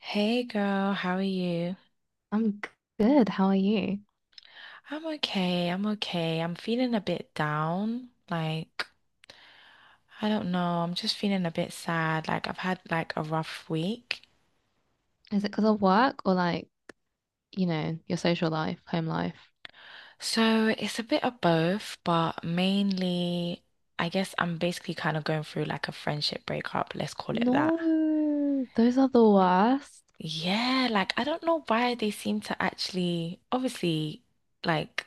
Hey girl, how are you? I'm good. How are you? I'm okay, I'm okay. I'm feeling a bit down. Like, I don't know, I'm just feeling a bit sad. Like, I've had like a rough week. Is it because of work or like, your social life, home life? So it's a bit of both, but mainly, I guess I'm basically kind of going through like a friendship breakup, let's call it that. No, those are the worst. Yeah, like I don't know why they seem to actually, obviously, like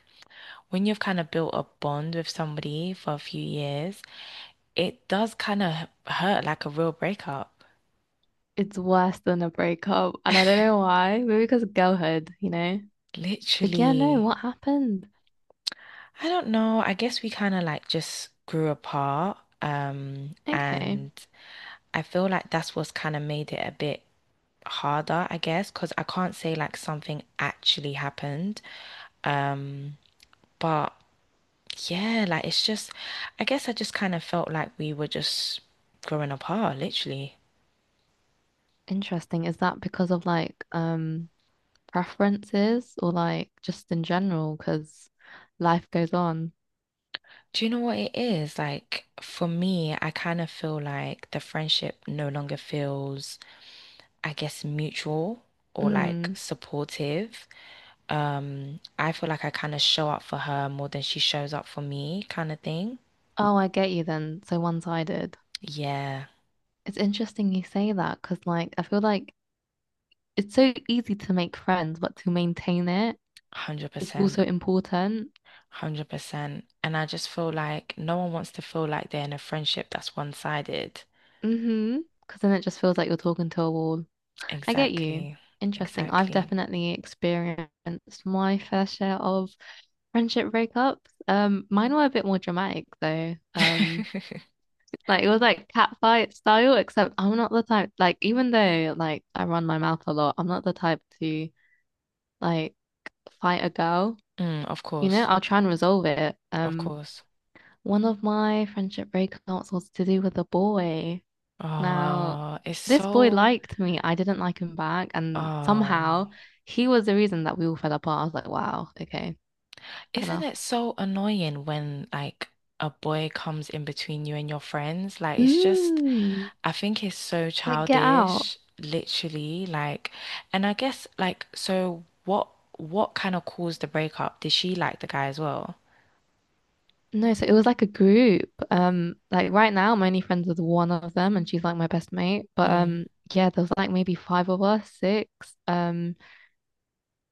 when you've kind of built a bond with somebody for a few years. It does kind of hurt like a real breakup. It's worse than a breakup. And I don't know why. Maybe because of girlhood, you know? But yeah, no, Literally. what happened? I don't know. I guess we kind of like just grew apart. Um, Okay. and I feel like that's what's kind of made it a bit harder, I guess, because I can't say like something actually happened. Um, but yeah, like it's just, I guess I just kind of felt like we were just growing apart, literally. Interesting. Is that because of like preferences or like just in general? Because life goes on. Do you know what it is? Like for me, I kind of feel like the friendship no longer feels, I guess, mutual or like Mm. supportive. I feel like I kind of show up for her more than she shows up for me, kind of thing. Oh, I get you then. So one-sided. Yeah, It's interesting you say that because like I feel like it's so easy to make friends, but to maintain it is 100%. also important. 100%. And I just feel like no one wants to feel like they're in a friendship that's one-sided. Mm-hmm. Because then it just feels like you're talking to a wall. I get you. Exactly. Interesting. I've Exactly. definitely experienced my fair share of friendship breakups. Mine were a bit more dramatic though. Like it was like catfight style, except I'm not the type like even though like I run my mouth a lot, I'm not the type to like fight a girl. Mm, of You know, course. I'll try and resolve it. Of course. One of my friendship breakups was to do with a boy. Now, Oh, it's this boy so liked me. I didn't like him back. And somehow Oh, he was the reason that we all fell apart. I was like, wow, okay, fair isn't enough. it so annoying when like a boy comes in between you and your friends? Like it's just, Mm, I think it's so like, get out. childish, literally. Like, and I guess like, so what kind of caused the breakup? Did she like the guy as well? No, so it was like a group. Like right now, I'm only friends with one of them, and she's like my best mate. But Mm, yeah, there was like maybe five of us, six. Um,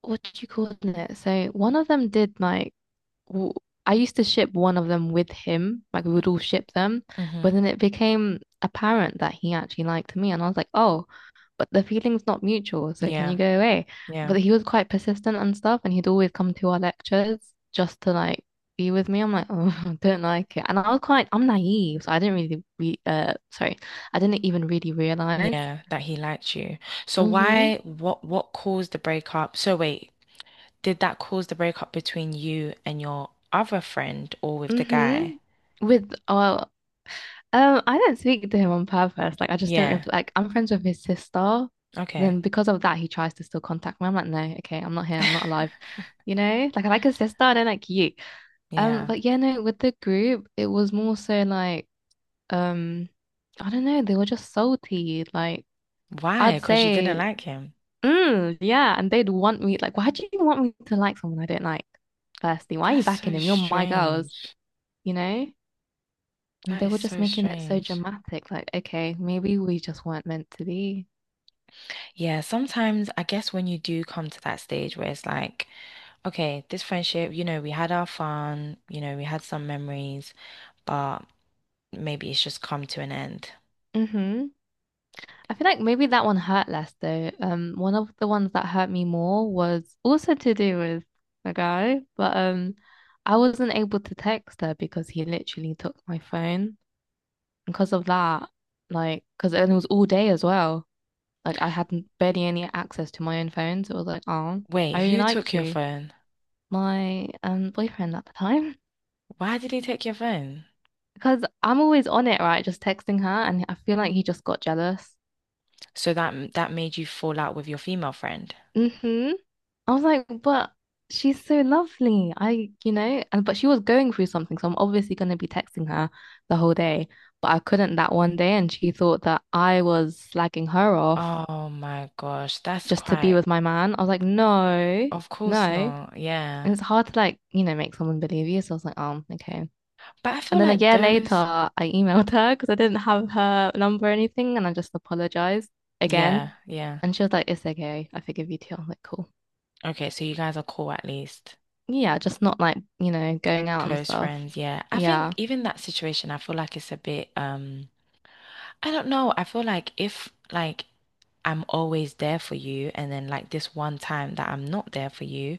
what do you call it? So one of them did like w- I used to ship one of them with him, like we would all ship them, mm-hmm. but then it became apparent that he actually liked me, and I was like, oh, but the feeling's not mutual, so can Yeah, you go away? yeah, But he was quite persistent and stuff, and he'd always come to our lectures just to like be with me. I'm like, oh, I don't like it, and I'm naive, so I didn't really re sorry, I didn't even really realize. yeah, that he liked you. So Mm-hmm. why, what caused the breakup? So wait, did that cause the breakup between you and your other friend or with the guy? Mm-hmm. With I don't speak to him on purpose. Like, I just don't Yeah. ref like I'm friends with his sister. Okay. Then because of that, he tries to still contact me. I'm like, no, okay, I'm not here. I'm not alive. You know, like I like his sister. I don't like you. Yeah. But yeah, no, with the group, it was more so like, um, I don't know. They were just salty. Like I'd Why? Because you didn't say, like him. Yeah, and they'd want me. Like, why do you want me to like someone I don't like? Firstly, why are you That's backing so him? You're my girls. strange. You know. And That they is were just so making it so strange. dramatic. Like, okay, maybe we just weren't meant to be. Yeah, sometimes I guess when you do come to that stage where it's like, okay, this friendship, you know, we had our fun, you know, we had some memories, but maybe it's just come to an end. Mm-hmm. I feel like maybe that one hurt less though. One of the ones that hurt me more was also to do with a guy, but I wasn't able to text her because he literally took my phone because of that, like, because it was all day as well. Like, I had barely any access to my own phone, so it was like, oh, Wait, I really who took liked your you, phone? my boyfriend at the time, Why did he take your phone? because I'm always on it, right? Just texting her, and I feel like he just got jealous. So that made you fall out with your female friend. hmm I was like, but she's so lovely. I, you know, and but she was going through something, so I'm obviously going to be texting her the whole day. But I couldn't that one day, and she thought that I was slagging her off Oh my gosh, that's just to be quite, with my man. I was like, no, of no. course not. Yeah. And it's hard to like, make someone believe you. So I was like, oh, okay. But I And feel then a like year later, those, I emailed her because I didn't have her number or anything, and I just apologized yeah, again. yeah. And she was like, it's okay. I forgive you too. I was like, cool. Okay, so you guys are cool at least. Yeah, just not like, going out and Close stuff. friends, yeah. I think Yeah. even that situation, I feel like it's a bit, I don't know. I feel like if like I'm always there for you and then like this one time that I'm not there for you,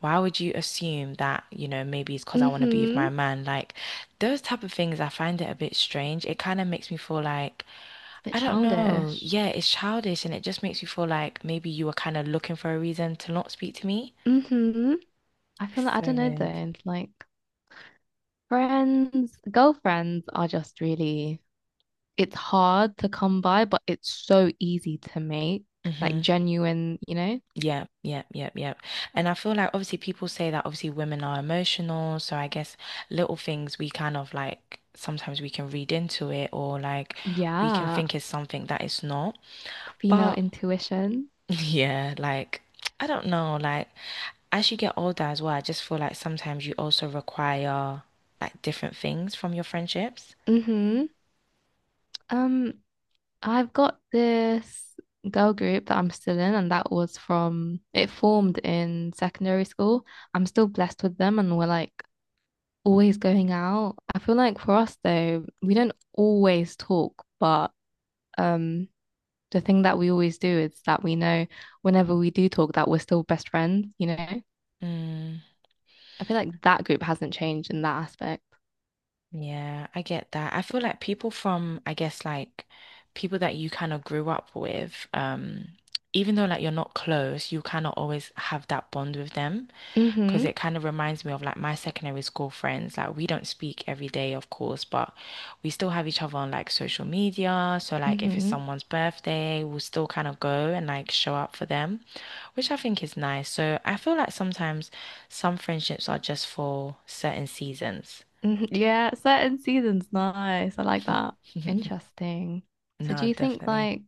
why would you assume that, you know, maybe it's because I want to be with Mm-hmm. my man? Like those type of things, I find it a bit strange. It kind of makes me feel like It's a bit I don't know. childish. Yeah, it's childish and it just makes me feel like maybe you were kind of looking for a reason to not speak to me. Mm-hmm. I feel like I don't know Severed. though. Like friends, girlfriends are just really it's hard to come by, but it's so easy to make, like Mm-hmm. genuine, you know? Yeah. Yeah. Yeah. Yeah. And I feel like obviously people say that obviously women are emotional, so I guess little things we kind of like sometimes we can read into it or like we can Yeah, think it's something that it's not. female But intuition. yeah, like I don't know, like as you get older as well, I just feel like sometimes you also require like different things from your friendships. Mm-hmm. Um, I've got this girl group that I'm still in, and that was from it formed in secondary school. I'm still blessed with them, and we're like always going out. I feel like for us though, we don't always talk, but um, the thing that we always do is that we know whenever we do talk that we're still best friends, you know? Mm. I feel like that group hasn't changed in that aspect. Yeah, I get that. I feel like people from, I guess, like people that you kind of grew up with, even though like you're not close, you kind of always have that bond with them because Mm-hmm. it kind of reminds me of like my secondary school friends. Like we don't speak every day, of course, but we still have each other on like social media. So like if it's Mm-hmm. someone's birthday, we'll still kind of go and like show up for them, which I think is nice. So I feel like sometimes some friendships are just for certain seasons. Yeah, certain seasons. Nice. I like that. Interesting. So do No, you think definitely. like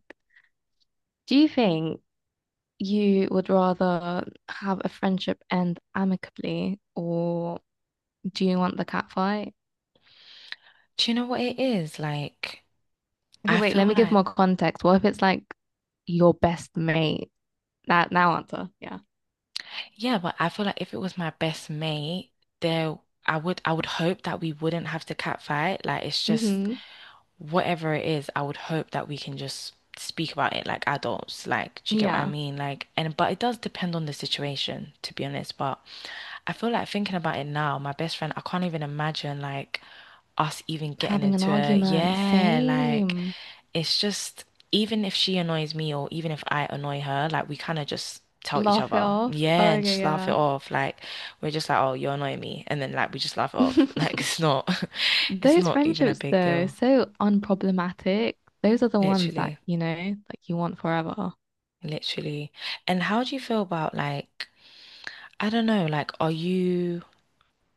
do you think you would rather have a friendship end amicably or do you want the cat fight? Do you know what it is? Like, Okay, I wait, feel let me give like, more context. What if it's like your best mate? That now answer. Yeah. yeah, but I feel like if it was my best mate, there, I would hope that we wouldn't have to catfight. Like, it's just Mm-hmm. whatever it is, I would hope that we can just speak about it like adults. Like, do you get what I Yeah. mean? Like, and but it does depend on the situation, to be honest. But I feel like thinking about it now, my best friend, I can't even imagine like us even getting Having an into a argument. yeah, like Same. it's just even if she annoys me or even if I annoy her, like we kind of just tell each Laugh it other, off. Oh, yeah, and okay, just laugh it yeah. off. Like we're just like, oh, you're annoying me, and then like we just laugh it off. Like it's not, it's Those not even a friendships, big though, deal, so unproblematic. Those are the ones that, literally. Like you want forever. Literally. And how do you feel about like, I don't know, like are you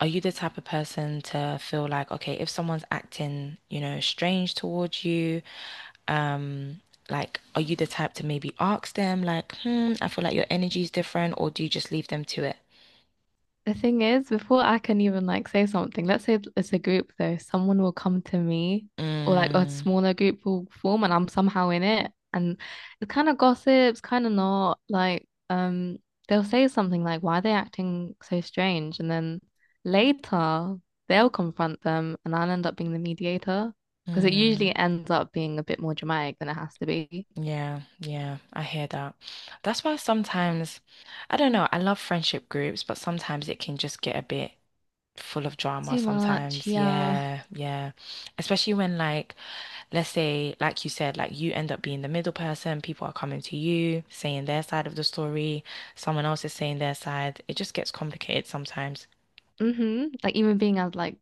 are you the type of person to feel like, okay, if someone's acting, you know, strange towards you, um, like are you the type to maybe ask them like, hmm, I feel like your energy's different, or do you just leave them to it? The thing is, before I can even like say something, let's say it's a group though, someone will come to me or like a Mm, smaller group will form and I'm somehow in it. And it's kind of gossips, kind of not like they'll say something like, Why are they acting so strange? And then later they'll confront them and I'll end up being the mediator. Because it mm, usually ends up being a bit more dramatic than it has to be. yeah, yeah, I hear that. That's why sometimes, I don't know, I love friendship groups, but sometimes it can just get a bit full of drama Too much, sometimes. yeah. Yeah, yeah. Especially when like let's say like you said like you end up being the middle person, people are coming to you saying their side of the story, someone else is saying their side. It just gets complicated sometimes. Mm-hmm. Like even being as like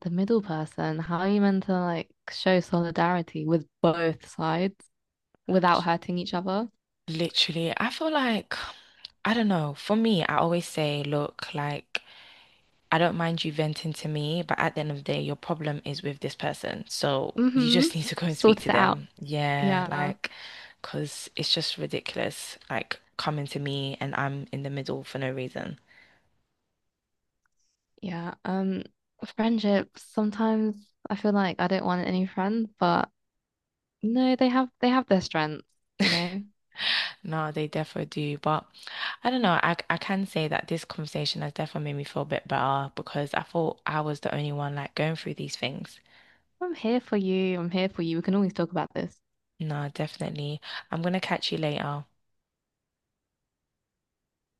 the middle person, how are you meant to like show solidarity with both sides without hurting each other? Literally, I feel like I don't know. For me, I always say look like I don't mind you venting to me, but at the end of the day, your problem is with this person. So you Mm-hmm. just need to go and speak Sort to it out. them. Yeah, Yeah. like, because it's just ridiculous, like coming to me and I'm in the middle for no reason. Yeah. Friendships, sometimes I feel like I don't want any friends, but no, they have their strengths, you know. No, they definitely do. But I don't know. I can say that this conversation has definitely made me feel a bit better because I thought I was the only one like going through these things. I'm here for you. I'm here for you. We can always talk about this. No, definitely. I'm gonna catch you later.